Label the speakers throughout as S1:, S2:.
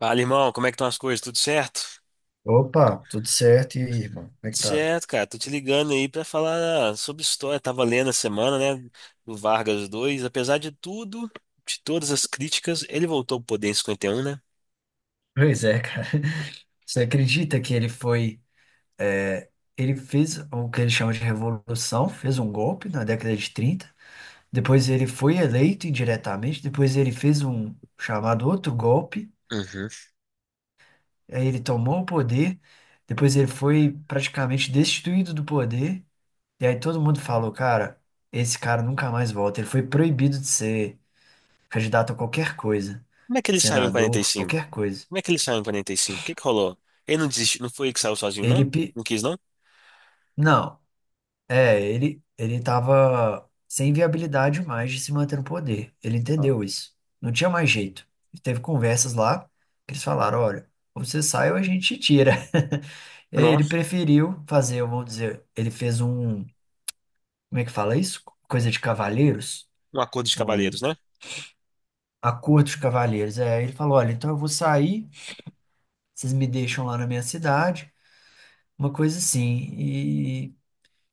S1: Fala, irmão, como é que estão as coisas? Tudo certo?
S2: Opa, tudo certo, e aí, irmão? Como é
S1: Tudo
S2: que tá?
S1: certo, cara. Tô te ligando aí pra falar sobre história. Tava lendo a semana, né, do Vargas dois. Apesar de tudo, de todas as críticas, ele voltou pro poder em 51, né?
S2: Pois é, cara. Você acredita que ele foi. é, Ele fez o que ele chama de revolução, fez um golpe na década de 30. Depois ele foi eleito indiretamente. Depois ele fez um chamado outro golpe.
S1: Uhum.
S2: Aí ele tomou o poder. Depois ele foi praticamente destituído do poder. E aí todo mundo falou, cara, esse cara nunca mais volta. Ele foi proibido de ser candidato a qualquer coisa,
S1: Como é que ele saiu em quarenta e
S2: senador,
S1: cinco?
S2: qualquer coisa.
S1: Como é que ele saiu em 45? O que que rolou? Ele não desistiu, não foi ele que saiu sozinho,
S2: Ele,
S1: não?
S2: pe-
S1: Não quis, não?
S2: não, ele tava sem viabilidade mais de se manter no poder. Ele
S1: Ah.
S2: entendeu isso. Não tinha mais jeito. Ele teve conversas lá que eles falaram, olha, ou você sai ou a gente te tira. E aí ele
S1: Nossa,
S2: preferiu fazer, vamos dizer, ele fez um, como é que fala isso? Coisa de cavalheiros,
S1: um acordo de
S2: um
S1: cavalheiros, né?
S2: acordo de cavalheiros. É, ele falou, olha, então eu vou sair, vocês me deixam lá na minha cidade, uma coisa assim.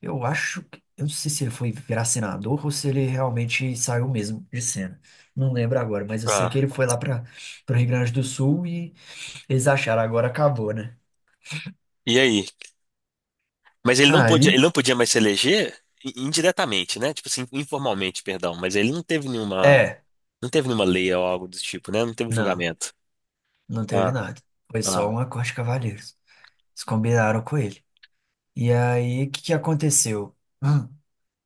S2: Eu acho que. Eu não sei se ele foi virar senador ou se ele realmente saiu mesmo de cena. Não lembro agora, mas eu sei que
S1: Ah,
S2: ele foi lá para o Rio Grande do Sul e eles acharam agora acabou, né?
S1: e aí? Mas
S2: Aí,
S1: ele não podia mais se eleger indiretamente, né? Tipo assim, informalmente, perdão. Mas ele não teve nenhuma.
S2: é,
S1: Não teve nenhuma lei ou algo do tipo, né? Não teve
S2: não,
S1: julgamento.
S2: não teve
S1: Ah,
S2: nada. Foi só
S1: ah.
S2: um acorde de cavalheiros. Eles combinaram com ele. E aí, o que que aconteceu? Hum,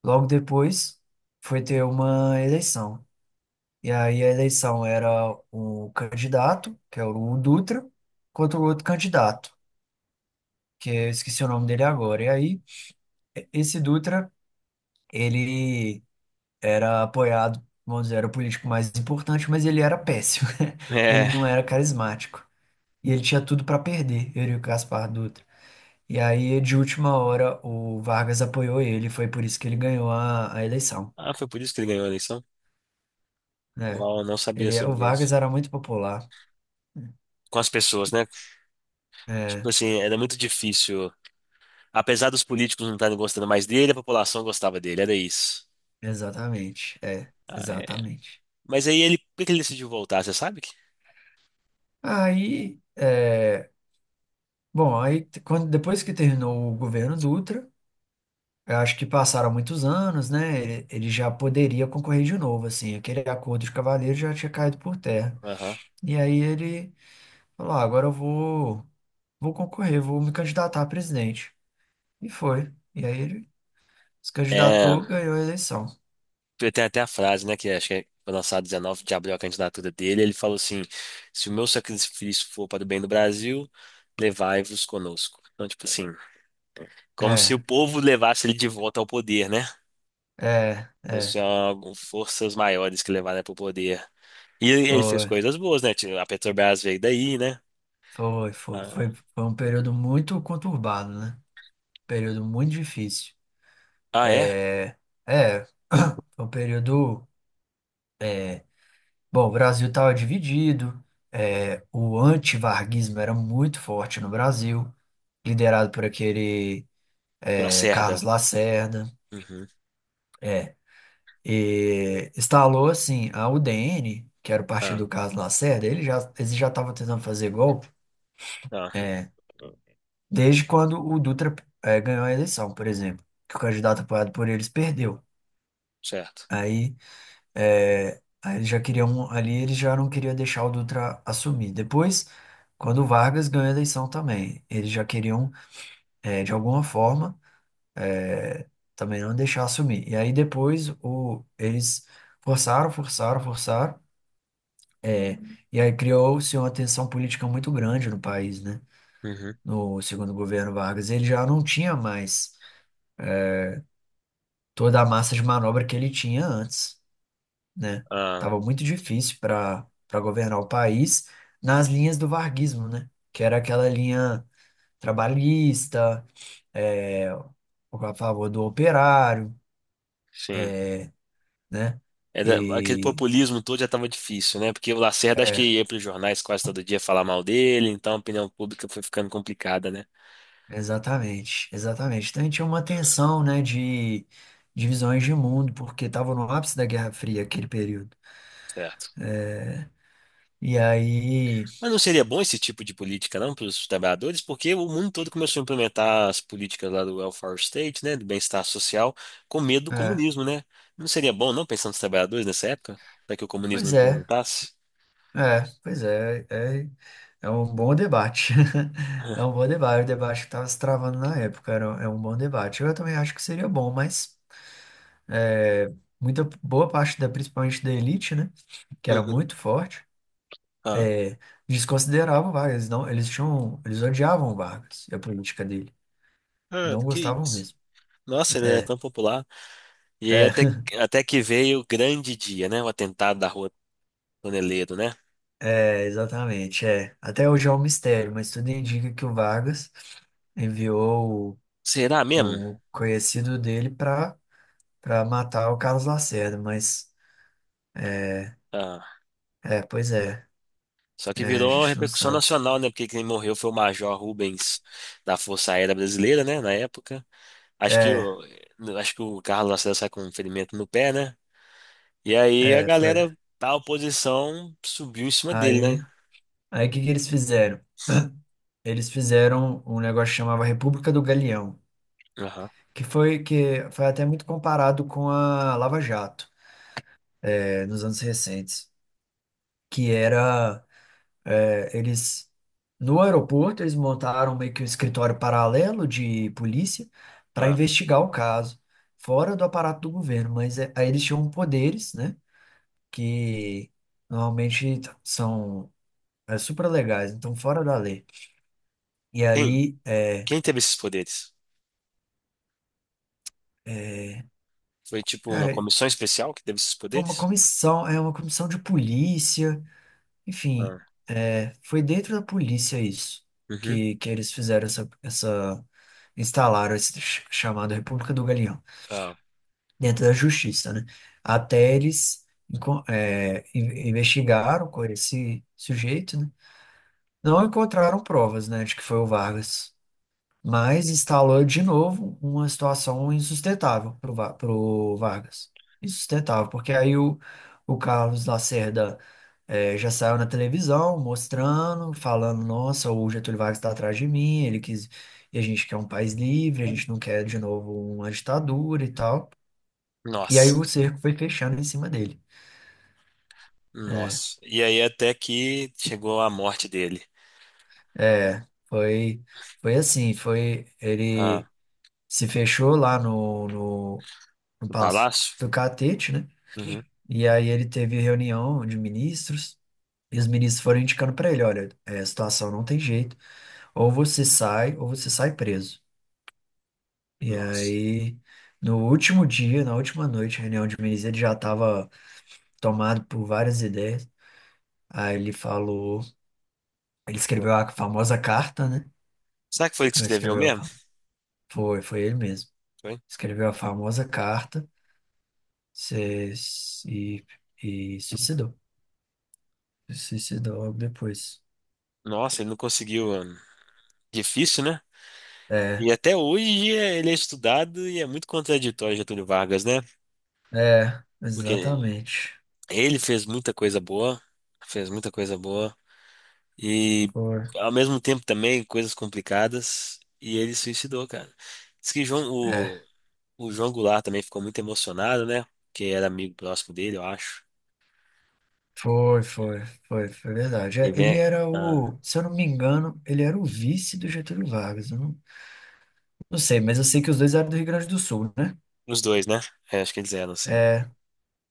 S2: Logo depois, foi ter uma eleição. E aí, a eleição era o candidato, que era o Dutra, contra o outro candidato, que eu esqueci o nome dele agora. E aí, esse Dutra, ele era apoiado, vamos dizer, era o político mais importante, mas ele era péssimo. Ele
S1: É.
S2: não era carismático. E ele tinha tudo para perder, ele e o Gaspar Dutra. E aí, de última hora, o Vargas apoiou ele, foi por isso que ele ganhou a eleição,
S1: Ah, foi por isso que ele ganhou a eleição?
S2: né?
S1: Uau, eu não sabia
S2: Ele, o
S1: sobre
S2: Vargas
S1: isso.
S2: era muito popular.
S1: Com as pessoas, né? Tipo
S2: É,
S1: assim, era muito difícil. Apesar dos políticos não estarem gostando mais dele, a população gostava dele, era isso.
S2: exatamente. É,
S1: Ah, é.
S2: exatamente.
S1: Mas aí ele, por que que ele decidiu voltar, você sabe?
S2: Aí, é, Bom, aí quando, depois que terminou o governo Dutra, eu acho que passaram muitos anos, né? Ele já poderia concorrer de novo, assim. Aquele acordo de cavalheiro já tinha caído por terra.
S1: Aham.
S2: E aí ele falou: ah, agora eu vou, vou concorrer, vou me candidatar a presidente. E foi. E aí ele se
S1: É,
S2: candidatou, ganhou a eleição.
S1: tem até a frase, né, que acho que é, foi lançada 19 de abril a candidatura dele, ele falou assim, se o meu sacrifício for para o bem do Brasil, levai-vos conosco. Então, tipo assim, como se o
S2: É,
S1: povo levasse ele de volta ao poder, né?
S2: é, é.
S1: Forças maiores que levaram ele para o poder. E ele fez
S2: Foi,
S1: coisas boas, né? Tipo, a Petrobras veio daí, né?
S2: foi.
S1: Ah,
S2: Foi um período muito conturbado, né? Um período muito difícil.
S1: ah, é?
S2: É, foi um período. Bom, o Brasil estava dividido, o antivarguismo era muito forte no Brasil, liderado por aquele Carlos
S1: Lacerda.
S2: Lacerda.
S1: Uhum.
S2: É, e instalou assim a UDN, que era o partido
S1: Ah,
S2: do Carlos Lacerda, eles já estavam tentando fazer golpe
S1: ah,
S2: desde quando o Dutra, ganhou a eleição, por exemplo, que o candidato apoiado por eles perdeu.
S1: certo.
S2: aí É, Aí eles já queriam, ali eles já não queriam deixar o Dutra assumir. Depois, quando o Vargas ganhou a eleição também, eles já queriam, de alguma forma, eh, também não deixar assumir. E aí depois o, eles forçaram, forçaram, forçaram, eh, e aí criou-se uma tensão política muito grande no país, né?
S1: Uhum.
S2: No segundo governo Vargas. Ele já não tinha mais toda a massa de manobra que ele tinha antes, né?
S1: Ah,
S2: Tava muito difícil para governar o país nas linhas do varguismo, né? Que era aquela linha trabalhista, a favor do operário,
S1: sim.
S2: né?
S1: Aquele
S2: E
S1: populismo todo já estava difícil, né? Porque o Lacerda acho que
S2: é,
S1: ia para os jornais quase todo dia falar mal dele, então a opinião pública foi ficando complicada, né?
S2: Exatamente, exatamente. Então a gente tinha uma tensão, né, de divisões de mundo, porque estava no ápice da Guerra Fria aquele período.
S1: Certo.
S2: E aí,
S1: Mas não seria bom esse tipo de política, não, para os trabalhadores? Porque o mundo todo começou a implementar as políticas lá do welfare state, né, do bem-estar social, com medo do
S2: é,
S1: comunismo, né? Não seria bom, não, pensando nos trabalhadores nessa época, para que o comunismo não
S2: Pois é.
S1: implementasse?
S2: É, pois é, é, É um bom debate. É um bom debate. O debate que estava se travando na época era, é um bom debate. Eu também acho que seria bom, mas é, muita boa parte da, principalmente da elite, né, que era
S1: Uhum.
S2: muito forte,
S1: Ah.
S2: é, desconsiderava o Vargas. Não, eles tinham, eles odiavam o Vargas e a política dele. Não gostavam mesmo.
S1: Nossa, ele é
S2: É,
S1: tão popular. E aí
S2: é,
S1: até, até que veio o grande dia, né? O atentado da Rua Toneleiro, né?
S2: exatamente. É. Até hoje é um mistério, mas tudo indica que o Vargas enviou
S1: Será mesmo?
S2: o conhecido dele para pra matar o Carlos Lacerda, mas
S1: Ah,
S2: é, pois é,
S1: só que
S2: a
S1: virou uma
S2: gente não
S1: repercussão
S2: sabe.
S1: nacional, né? Porque quem morreu foi o Major Rubens da Força Aérea Brasileira, né? Na época. Acho que
S2: É,
S1: o, acho que o Carlos Lacerda sai com um ferimento no pé, né? E aí a
S2: foi.
S1: galera da oposição subiu em cima dele, né?
S2: Aí, aí o que que eles fizeram? Eles fizeram um negócio que chamava República do Galeão,
S1: Aham.
S2: que foi até muito comparado com a Lava Jato, nos anos recentes, que era eles no aeroporto eles montaram meio que um escritório paralelo de polícia para
S1: Ah.
S2: investigar o caso, fora do aparato do governo, mas é, aí eles tinham poderes, né? Que normalmente são super legais, então fora da lei. E
S1: Quem,
S2: aí, é,
S1: quem teve esses poderes?
S2: é,
S1: Foi tipo uma
S2: cara,
S1: comissão especial que teve esses
S2: foi uma
S1: poderes?
S2: comissão, é uma comissão de polícia, enfim,
S1: Ah.
S2: é, foi dentro da polícia isso,
S1: Uhum.
S2: que eles fizeram essa, essa, instalaram esse chamado República do Galeão,
S1: Ah.
S2: dentro da justiça, né? Até eles investigaram com esse sujeito, né? Não encontraram provas, né, de que foi o Vargas. Mas instalou de novo uma situação insustentável para o Vargas. Insustentável, porque aí o Carlos Lacerda já saiu na televisão mostrando, falando, nossa, o Getúlio Vargas está atrás de mim, ele quis, e a gente quer um país livre, a gente não quer de novo uma ditadura e tal. E aí
S1: Nossa.
S2: o cerco foi fechando em cima dele.
S1: Nossa. E aí até que chegou a morte dele.
S2: É, foi, foi assim, foi, ele
S1: Ah.
S2: se fechou lá no, no, no
S1: No
S2: Palácio
S1: palácio?
S2: do Catete, né?
S1: Uhum.
S2: E aí ele teve reunião de ministros e os ministros foram indicando para ele, olha, é, a situação não tem jeito, ou você sai preso. E
S1: Nossa.
S2: aí no último dia, na última noite, reunião de ministros, ele já estava tomado por várias ideias. Aí ele falou, ele escreveu a famosa carta, né?
S1: Será que foi ele que
S2: Ele
S1: escreveu
S2: Escreveu a,
S1: mesmo?
S2: fa- foi, foi ele mesmo.
S1: Foi?
S2: Escreveu a famosa carta, se- e, e suicidou. Se suicidou logo depois.
S1: Nossa, ele não conseguiu. Ah, difícil, né?
S2: É,
S1: E até hoje ele é estudado e é muito contraditório Getúlio Vargas, né? Porque
S2: exatamente.
S1: ele fez muita coisa boa, fez muita coisa boa e
S2: Foi.
S1: ao mesmo tempo também coisas complicadas e ele suicidou, cara. Diz que João-
S2: É,
S1: o João Goulart também ficou muito emocionado, né? Que era amigo próximo dele, eu acho.
S2: foi, foi, foi verdade.
S1: E
S2: É, ele
S1: vem
S2: era
S1: ah,
S2: o, se eu não me engano, ele era o vice do Getúlio Vargas. Eu não, não sei, mas eu sei que os dois eram do Rio Grande do Sul, né?
S1: os dois, né? É, acho que eles eram assim.
S2: É,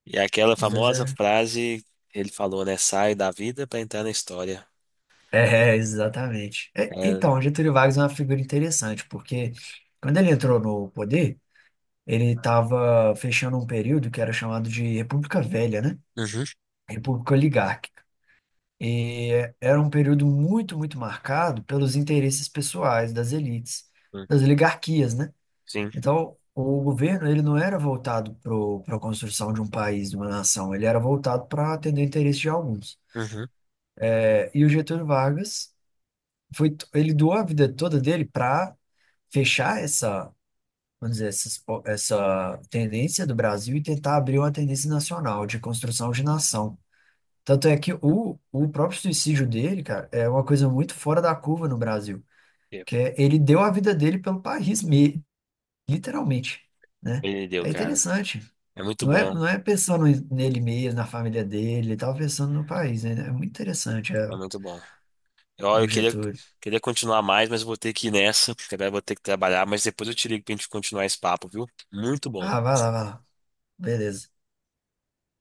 S1: E aquela
S2: os dois
S1: famosa
S2: eram.
S1: frase que ele falou, né? Sai da vida pra entrar na história.
S2: É, exatamente. É, então,
S1: É,
S2: o Getúlio Vargas é uma figura interessante, porque quando ele entrou no poder, ele estava fechando um período que era chamado de República Velha, né?
S1: uhum,
S2: República Oligárquica. E era um período muito marcado pelos interesses pessoais das elites, das oligarquias, né?
S1: sim.
S2: Então, o governo, ele não era voltado para a construção de um país, de uma nação, ele era voltado para atender o interesse de alguns.
S1: Uhum.
S2: E o Getúlio Vargas, foi, ele doou a vida toda dele para fechar essa, vamos dizer, tendência do Brasil e tentar abrir uma tendência nacional de construção de nação. Tanto é que o próprio suicídio dele, cara, é uma coisa muito fora da curva no Brasil, que é, ele deu a vida dele pelo país, literalmente, né?
S1: Ele deu,
S2: É
S1: cara.
S2: interessante.
S1: É muito
S2: Não é,
S1: bom.
S2: não é pensando nele mesmo, na família dele, ele tava pensando no país, né? É muito interessante,
S1: É
S2: é,
S1: muito bom. Eu,
S2: o
S1: eu queria,
S2: Getúlio.
S1: queria continuar mais, mas eu vou ter que ir nessa, porque agora eu vou ter que trabalhar. Mas depois eu te ligo pra gente continuar esse papo, viu? Muito bom.
S2: Ah, vai lá, vai lá. Beleza.